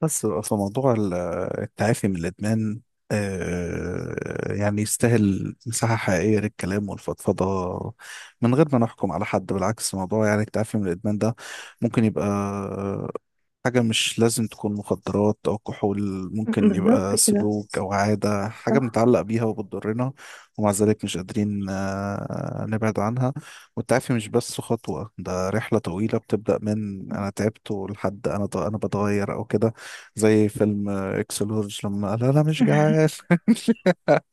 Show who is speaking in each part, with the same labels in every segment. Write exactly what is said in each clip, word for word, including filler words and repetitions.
Speaker 1: بس في موضوع ال- التعافي من الإدمان، آه، يعني يستاهل مساحة حقيقية للكلام والفضفضة، من غير ما نحكم على حد. بالعكس، موضوع يعني التعافي من الإدمان ده ممكن يبقى حاجة، مش لازم تكون مخدرات أو كحول، ممكن
Speaker 2: بالظبط
Speaker 1: يبقى
Speaker 2: كده.
Speaker 1: سلوك أو عادة، حاجة
Speaker 2: صح.
Speaker 1: بنتعلق بيها وبتضرنا، ومع ذلك مش قادرين آه، نبعد عنها. والتعافي مش بس خطوة، ده رحلة طويلة بتبدأ من أنا تعبت لحد أنا أنا بتغير أو كده. زي فيلم اكسلورج لما قال انا مش جعان.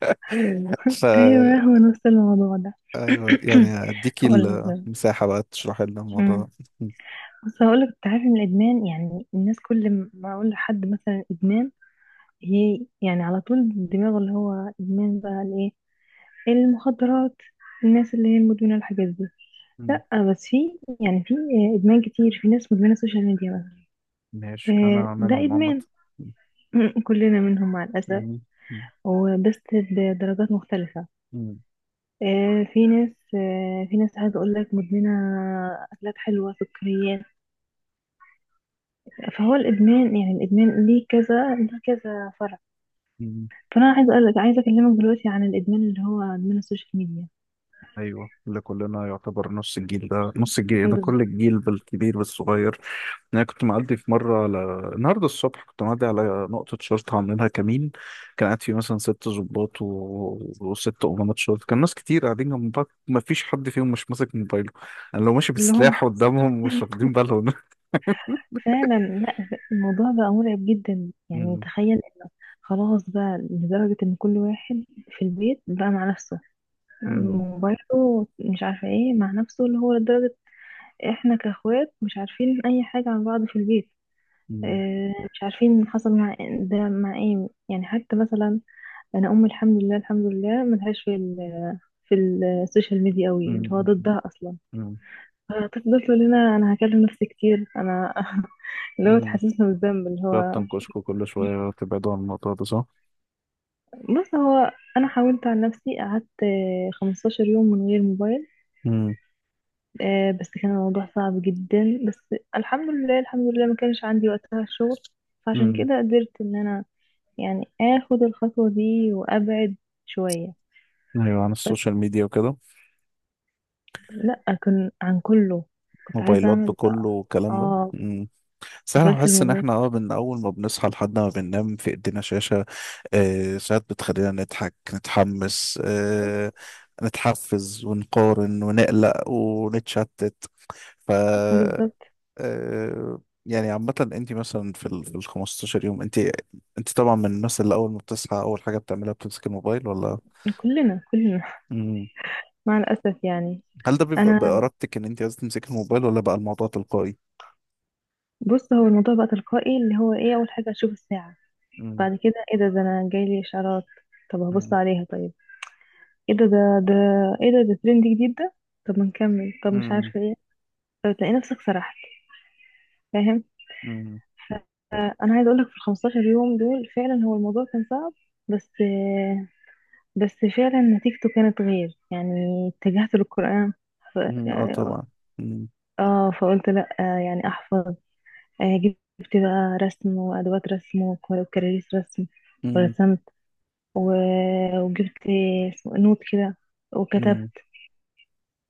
Speaker 1: فا
Speaker 2: ايوه، هو نفس الموضوع ده.
Speaker 1: ايوه، يعني اديكي
Speaker 2: هقول لك بقى.
Speaker 1: المساحة بقى تشرحي لنا الموضوع.
Speaker 2: أمم. بص، هقول لك، انت عارف ان الادمان، يعني الناس كل ما اقول لحد مثلا ادمان، هي يعني على طول دماغه اللي هو ادمان بقى الايه، المخدرات، الناس اللي هي مدمنه الحاجات دي.
Speaker 1: مم.
Speaker 2: لا، بس في، يعني في ادمان كتير. في ناس مدمنه السوشيال ميديا مثلا.
Speaker 1: ماشي،
Speaker 2: آه،
Speaker 1: انا
Speaker 2: ده
Speaker 1: منهم عامة.
Speaker 2: ادمان. كلنا منهم مع الاسف.
Speaker 1: مم.
Speaker 2: وبس، بدرجات مختلفه.
Speaker 1: مم.
Speaker 2: آه، في ناس آه، في ناس عايزة أقول لك مدمنة أكلات حلوة، سكريات. فهو الإدمان، يعني الإدمان ليه كذا ليه كذا فرع.
Speaker 1: مم.
Speaker 2: فأنا عايزة أقول لك عايزة أكلمك دلوقتي عن الإدمان اللي هو إدمان السوشيال ميديا.
Speaker 1: ايوه، اللي كلنا يعتبر نص الجيل ده، نص الجيل ده،
Speaker 2: بس
Speaker 1: كل الجيل بالكبير بالصغير. انا كنت معدي في مره ل... النهارده الصبح كنت معدي على نقطه شرطه عاملينها كمين، كان قاعد فيه مثلا ست ضباط و... وست امناء شرطه، كان ناس كتير قاعدين جنب بعض، ما فيش حد فيهم مش ماسك موبايله. انا لو ماشي
Speaker 2: كلهم
Speaker 1: بسلاح قدامهم مش واخدين بالهم.
Speaker 2: فعلا، لا، الموضوع بقى مرعب جدا، يعني
Speaker 1: مم.
Speaker 2: تخيل. خلاص بقى، لدرجة إن كل واحد في البيت بقى مع نفسه،
Speaker 1: مم.
Speaker 2: موبايله، مش عارفة إيه، مع نفسه اللي هو لدرجة إحنا كأخوات مش عارفين أي حاجة عن بعض في البيت.
Speaker 1: مم.
Speaker 2: آه، مش عارفين حصل مع ده مع ايه، يعني حتى مثلا انا امي، الحمد لله الحمد لله، ملهاش في ال في السوشيال ميديا قوي، اللي هو
Speaker 1: مم.
Speaker 2: ضدها اصلا.
Speaker 1: مم.
Speaker 2: فتفضل تقول لنا انا هكلم نفسي كتير انا. اللي هو
Speaker 1: مم.
Speaker 2: تحسسنا بالذنب اللي
Speaker 1: تقعد
Speaker 2: هو.
Speaker 1: تنكشكوا كل شويه تبعدوا عن الموضوع ده، صح؟
Speaker 2: بص، هو انا حاولت عن نفسي، قعدت آه، 15 يوم من غير موبايل.
Speaker 1: مم.
Speaker 2: آه، بس كان الموضوع صعب جدا، بس الحمد لله الحمد لله ما كانش عندي وقتها الشغل، فعشان
Speaker 1: مم.
Speaker 2: كده قدرت ان انا يعني اخد الخطوة دي وابعد شوية.
Speaker 1: ايوه، عن
Speaker 2: بس
Speaker 1: السوشيال ميديا وكده.
Speaker 2: لا، كان عن كله، كنت عايزة
Speaker 1: موبايلات
Speaker 2: اعمل ده.
Speaker 1: بكله والكلام ده.
Speaker 2: اه،
Speaker 1: بس انا
Speaker 2: قفلت
Speaker 1: بحس ان
Speaker 2: الموبايل.
Speaker 1: احنا، اه من اول ما بنصحى لحد ما بننام في ايدينا شاشة. آه ساعات بتخلينا نضحك، نتحمس، آه نتحفز ونقارن ونقلق ونتشتت. ف
Speaker 2: بالظبط.
Speaker 1: آه يعني عامة انت مثلا في ال في ال 15 يوم، انت انت طبعا من الناس اللي اول ما بتصحى اول حاجة بتعملها بتمسك الموبايل، ولا؟
Speaker 2: كلنا كلنا.
Speaker 1: مم.
Speaker 2: مع الاسف يعني.
Speaker 1: هل ده بيبقى
Speaker 2: انا،
Speaker 1: بإرادتك ان انت عايز تمسك الموبايل، ولا بقى الموضوع تلقائي؟
Speaker 2: بص، هو الموضوع بقى تلقائي، اللي هو ايه، اول حاجة اشوف الساعة،
Speaker 1: مم.
Speaker 2: بعد كده ايه ده ده، انا جايلي اشعارات، طب هبص
Speaker 1: مم.
Speaker 2: عليها، طيب، ايه ده ده ده ايه ده ده ترند جديد ده، طب ما نكمل، طب مش
Speaker 1: مم.
Speaker 2: عارفة ايه، طب تلاقي نفسك سرحت، فاهم.
Speaker 1: مم.
Speaker 2: انا عايزه اقول لك في ال 15 يوم دول فعلا، هو الموضوع كان صعب، بس بس فعلا نتيجته كانت غير يعني. اتجهت للقرآن، ف...
Speaker 1: مم. اه،
Speaker 2: اه
Speaker 1: طبعا.
Speaker 2: آه، فقلت لا، آه يعني احفظ. آه جبت بقى رسم وادوات رسم وك- وكراريس رسم
Speaker 1: مم.
Speaker 2: ورسمت. و... وجبت اسمه- إيه، نوت كده
Speaker 1: امم.
Speaker 2: وكتبت.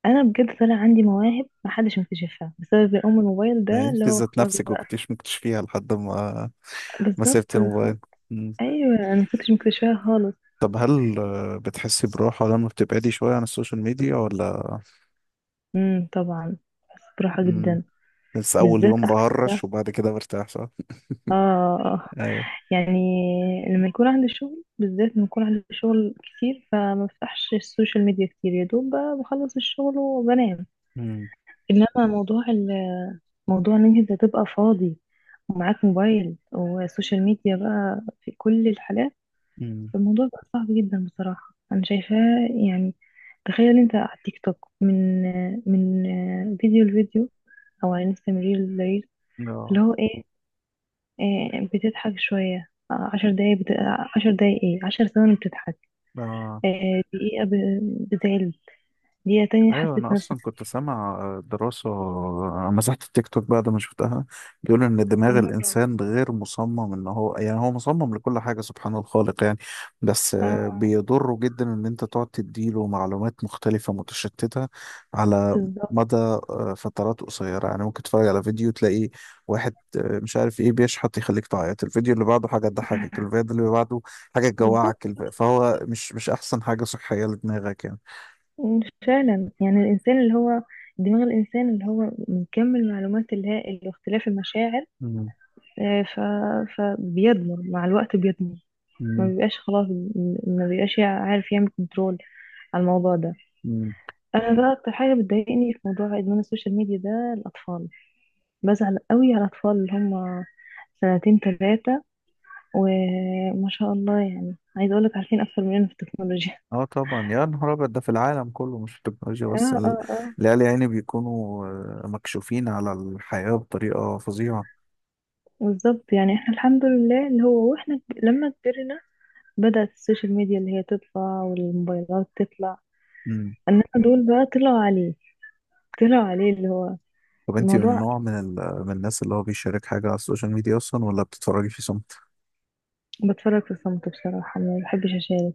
Speaker 2: انا بجد طلع عندي مواهب محدش مكتشفها بسبب ام الموبايل
Speaker 1: يعني
Speaker 2: ده، اللي
Speaker 1: انت
Speaker 2: هو
Speaker 1: ذات
Speaker 2: خلاص
Speaker 1: نفسك ما
Speaker 2: بقى.
Speaker 1: كنتيش مكتشفيها لحد ما ما
Speaker 2: بالظبط
Speaker 1: سبت الموبايل.
Speaker 2: بالظبط.
Speaker 1: مم.
Speaker 2: ايوه انا مكنتش مكتشفاها خالص.
Speaker 1: طب هل آه، بتحسي براحة لما بتبعدي شوية عن السوشيال ميديا، ولا؟
Speaker 2: امم طبعا. بس براحة
Speaker 1: مم.
Speaker 2: جدا،
Speaker 1: بس أول
Speaker 2: بالذات
Speaker 1: يوم
Speaker 2: احلى.
Speaker 1: بهرش وبعد كده برتاح، صح؟
Speaker 2: اه.
Speaker 1: أيوه.
Speaker 2: يعني لما يكون عندي شغل، بالذات لما يكون عندي شغل كتير، فما بفتحش السوشيال ميديا كتير، يا دوب ب- بخلص الشغل وبنام.
Speaker 1: امم.
Speaker 2: انما موضوع ال- موضوع ان انت تبقى فاضي ومعاك موبايل وسوشيال ميديا، بقى في كل الحالات
Speaker 1: امم.
Speaker 2: فالموضوع بقى صعب جدا بصراحة انا شايفاه يعني. تخيل انت على التيك توك، من من فيديو لفيديو، او على انستغرام ريل لريل، اللي
Speaker 1: اه.
Speaker 2: هو ايه، آه، بتضحك شوية، آه، عشر دقايق بت... آه، عشر دقايق، ايه، عشر ثواني بتضحك،
Speaker 1: آه.
Speaker 2: آه، دقيقة ب... بتعلم، دقيقة تانية
Speaker 1: ايوه، انا
Speaker 2: حسيت نفسك
Speaker 1: اصلا كنت سامع دراسه، مسحت التيك توك بعد ما شفتها، بيقول ان دماغ
Speaker 2: من هبرة.
Speaker 1: الانسان غير مصمم ان هو، يعني هو مصمم لكل حاجه، سبحان الخالق يعني، بس آه،
Speaker 2: اه.
Speaker 1: بيضره جدا ان انت تقعد تديله معلومات مختلفه متشتته على
Speaker 2: بالظبط.
Speaker 1: مدى آه، فترات قصيره. يعني ممكن تتفرج على فيديو تلاقي واحد آه، مش عارف ايه بيشحت يخليك تعيط، الفيديو اللي بعده حاجه تضحكك، الفيديو اللي بعده حاجه
Speaker 2: بالظبط
Speaker 1: تجوعك، الف-
Speaker 2: صح.
Speaker 1: فهو مش مش احسن حاجه صحيه لدماغك، يعني.
Speaker 2: فعلا يعني الإنسان اللي هو دماغ الإنسان اللي هو من كم المعلومات الهائل واختلاف المشاعر، آه، ف... فبيدمر مع الوقت، بيدمر. ما
Speaker 1: مم.
Speaker 2: بيبقاش خلاص، م- ما بيبقاش عارف يعمل كنترول على الموضوع ده.
Speaker 1: مم.
Speaker 2: انا بقى اكتر حاجه بتضايقني في موضوع ادمان السوشيال ميديا ده الاطفال. بزعل قوي على الأطفال اللي هم سنتين تلاتة وما شاء الله، يعني عايزة أقولك عارفين أكتر مننا في التكنولوجيا.
Speaker 1: اه طبعا، يا نهار ابيض، ده في العالم كله مش في التكنولوجيا
Speaker 2: اه
Speaker 1: بس. ال-
Speaker 2: اه اه.
Speaker 1: العيال يعني بيكونوا آه، مكشوفين على الحياة بطريقة فظيعة.
Speaker 2: بالظبط، يعني احنا الحمد لله، اللي هو واحنا ك- لما كبرنا، بدأت السوشيال ميديا اللي هي تطلع والموبايلات تطلع،
Speaker 1: مم.
Speaker 2: انما دول بقى طلعوا عليه، طلعوا عليه اللي هو
Speaker 1: طب انتي من
Speaker 2: الموضوع.
Speaker 1: نوع من ال... من الناس اللي هو بيشارك حاجة على السوشيال ميديا اصلا، ولا بتتفرجي في صمت؟
Speaker 2: بتفرج في صمت بصراحة، ما بحبش أشارك.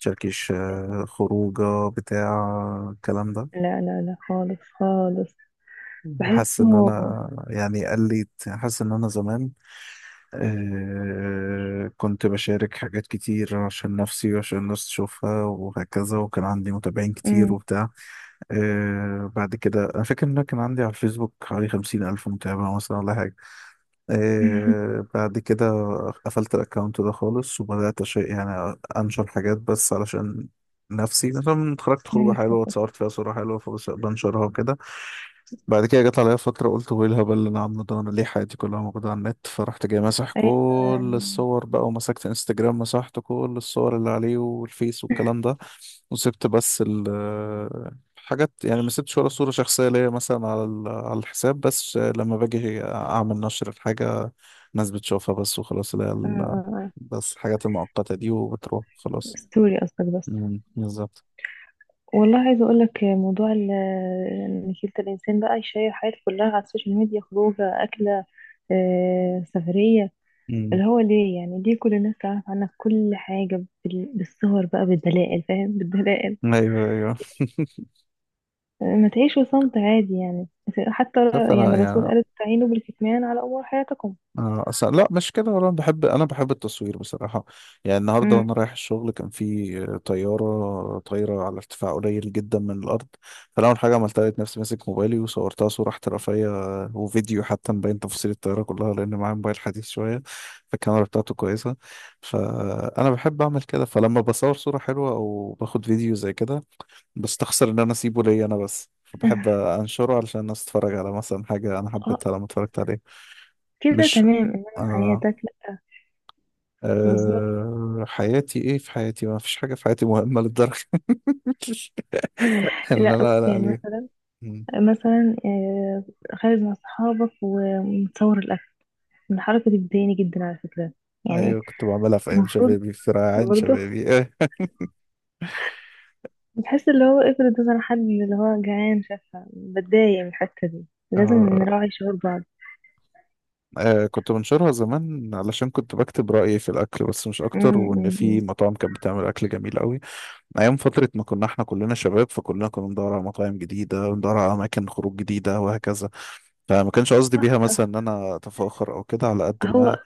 Speaker 1: تشاركيش آه، خروجة بتاع الكلام ده؟
Speaker 2: لا لا لا خالص خالص،
Speaker 1: حاسس ان
Speaker 2: بحسه.
Speaker 1: انا، يعني قلت حاسس ان انا زمان آه كنت بشارك حاجات كتير عشان نفسي وعشان الناس تشوفها وهكذا، وكان عندي متابعين كتير
Speaker 2: أمم.
Speaker 1: وبتاع. آه بعد كده أنا فاكر إن أنا كان عندي على الفيسبوك حوالي خمسين ألف متابع مثلا ولا حاجة. آه بعد كده قفلت الأكونت ده خالص، وبدأت أش- يعني أنشر حاجات بس علشان نفسي، مثلا اتخرجت
Speaker 2: أنا
Speaker 1: خروجة
Speaker 2: نفسي.
Speaker 1: حلوة اتصورت فيها صورة حلوة فبنشرها وكده. بعد كده جت عليا فترة قلت، هو ايه الهبل اللي انا عامله ده؟ انا ليه حياتي كلها موجودة على النت؟ فرحت جاي ماسح
Speaker 2: أيوة. آه،
Speaker 1: كل الصور بقى، ومسكت انستجرام مسحت كل الصور اللي عليه والفيس والكلام ده، وسبت بس ال حاجات، يعني ما سبتش ولا صورة شخصية ليا مثلا على ال- على الحساب، بس لما باجي اعمل نشر الحاجة الناس بتشوفها بس وخلاص، اللي هي
Speaker 2: آه،
Speaker 1: ال-
Speaker 2: آه.
Speaker 1: بس الحاجات المؤقتة دي، وبتروح خلاص.
Speaker 2: ستوري قصدك، بس.
Speaker 1: مم، بالظبط.
Speaker 2: والله عايزه اقول لك موضوع ال- ان كلتا الانسان بقى يشير حياته كلها على السوشيال ميديا، خروجه، اكله، آه، سفريه،
Speaker 1: مم.
Speaker 2: اللي هو ليه، يعني ليه كل الناس تعرف عنك كل حاجه، بال- بالصور بقى، بالدلائل، فاهم. بالدلائل.
Speaker 1: ايوه، ايوه.
Speaker 2: آه، ما تعيشوا صمت عادي، يعني حتى
Speaker 1: شوف
Speaker 2: ر-
Speaker 1: انا
Speaker 2: يعني الرسول
Speaker 1: يعني،
Speaker 2: قال استعينوا بالكتمان على امور حياتكم.
Speaker 1: آه، أصلا لا مش كده، ولا أنا بحب، أنا بحب التصوير بصراحة. يعني النهاردة
Speaker 2: مم.
Speaker 1: وأنا رايح الشغل كان في آه، طيارة طايرة على ارتفاع قليل جدا من الأرض، فأنا أول حاجة عملتها لقيت نفسي ماسك موبايلي وصورتها صورة احترافية، آه، وفيديو حتى مبين تفاصيل الطيارة كلها، لأن معايا موبايل حديث شوية فالكاميرا بتاعته كويسة. فأنا بحب أعمل كده، فلما بصور صورة حلوة أو باخد فيديو زي كده، بستخسر إن أنا أسيبه ليا أنا بس، فبحب أنشره علشان الناس تتفرج على مثلا حاجة أنا
Speaker 2: اه.
Speaker 1: حبيتها لما اتفرجت عليها.
Speaker 2: كده
Speaker 1: مش
Speaker 2: تمام، انما
Speaker 1: آه،
Speaker 2: حياتك لا. بالظبط.
Speaker 1: أه، حياتي ايه؟ في حياتي ما فيش حاجة في حياتي مهمة للدرجة. اللي
Speaker 2: لا،
Speaker 1: انا
Speaker 2: بص،
Speaker 1: قلق
Speaker 2: يعني
Speaker 1: عليها.
Speaker 2: مثلا
Speaker 1: مم.
Speaker 2: مثلا آه، خارج مع صحابك ومتصور الأكل، من الحركة دي بتضايقني جدا على فكرة، يعني
Speaker 1: ايوه، كنت بعملها في ايام
Speaker 2: المفروض
Speaker 1: شبابي، في ريعان
Speaker 2: برضه
Speaker 1: شبابي. أه.
Speaker 2: بتحس اللي هو، افرض مثلا حد اللي هو جعان شافها، بتضايق من الحتة دي، لازم
Speaker 1: آه،
Speaker 2: نراعي شعور بعض.
Speaker 1: آه، كنت بنشرها زمان علشان كنت بكتب رأيي في الأكل بس مش أكتر،
Speaker 2: أمم، أمم،
Speaker 1: وإن في
Speaker 2: أمم.
Speaker 1: مطاعم كانت بتعمل أكل جميل قوي، أيام فترة ما كنا إحنا كلنا شباب، فكلنا كنا بندور على مطاعم جديدة وندور على أماكن خروج جديدة وهكذا، فما كانش قصدي
Speaker 2: صح
Speaker 1: بيها مثلا إن
Speaker 2: صح.
Speaker 1: أنا أتفاخر أو كده، على قد ما.
Speaker 2: هو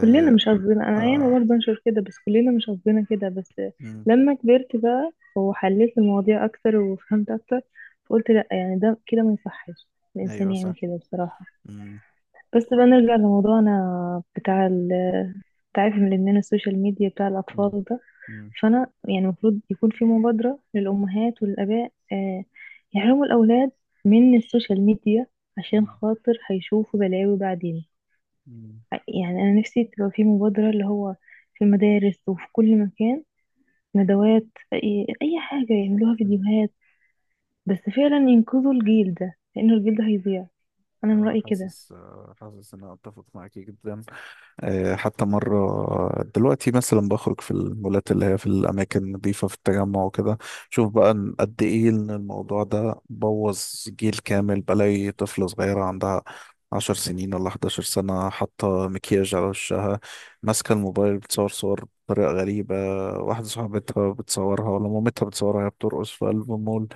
Speaker 2: كلنا مش قصدنا، أنا
Speaker 1: آه.
Speaker 2: أيام برضه أنشر كده، بس كلنا مش قصدنا كده. بس
Speaker 1: مم،
Speaker 2: لما كبرت بقى وحليت المواضيع أكتر وفهمت أكتر، فقلت لأ، يعني ده كده ما يصحش الإنسان
Speaker 1: أيوه،
Speaker 2: يعمل
Speaker 1: صح.
Speaker 2: كده بصراحة.
Speaker 1: مم.
Speaker 2: بس بقى نرجع لموضوعنا بتاع ال- تعافي من الإدمان السوشيال ميديا بتاع
Speaker 1: مم.
Speaker 2: الأطفال ده.
Speaker 1: مم.
Speaker 2: فأنا يعني المفروض يكون في مبادرة للأمهات والآباء، آه، يحرموا الأولاد من السوشيال ميديا، عشان
Speaker 1: مم.
Speaker 2: خاطر هيشوفوا بلاوي بعدين.
Speaker 1: مم.
Speaker 2: يعني أنا نفسي تبقى في مبادرة اللي هو في المدارس وفي كل مكان، ندوات، أي أي حاجة يعملوها
Speaker 1: مم.
Speaker 2: فيديوهات، بس فعلا ينقذوا الجيل ده لأنه الجيل ده هيضيع. أنا من
Speaker 1: أنا
Speaker 2: رأيي كده.
Speaker 1: حاسس، آه، حاسس إن أنا أتفق معاكي جدا. آه، حتى مرة، آه، دلوقتي مثلا بخرج في المولات اللي هي في الأماكن النظيفة في التجمع وكده، شوف بقى إن قد إيه إن الموضوع ده بوظ جيل كامل. بلاقي طفلة صغيرة عندها عشر سنين ولا 11 سنة حاطة مكياج على وشها، ماسكة الموبايل بتصور صور بطريقة غريبة، واحدة صاحبتها بتصورها ولا مامتها بتصورها وهي بترقص في قلب المول،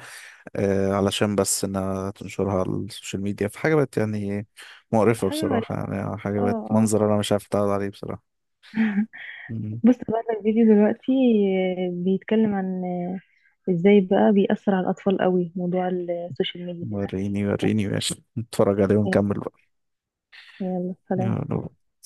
Speaker 1: آه، علشان بس انها تنشرها على السوشيال ميديا. في حاجة بقت يعني مقرفة
Speaker 2: حاجة غريبة.
Speaker 1: بصراحة، يعني حاجة
Speaker 2: اه.
Speaker 1: بقت
Speaker 2: آه.
Speaker 1: منظر انا مش عارف اتعرض عليه بصراحة. مم.
Speaker 2: بص بقى لك فيديو دلوقتي، آه، بيتكلم عن، آه، ازاي بقى بيأثر على الأطفال قوي موضوع السوشيال ميديا ده.
Speaker 1: وريني وريني، ماشي، نتفرج عليه
Speaker 2: آه،
Speaker 1: ونكمل بقى.
Speaker 2: يلا سلام.
Speaker 1: يلا.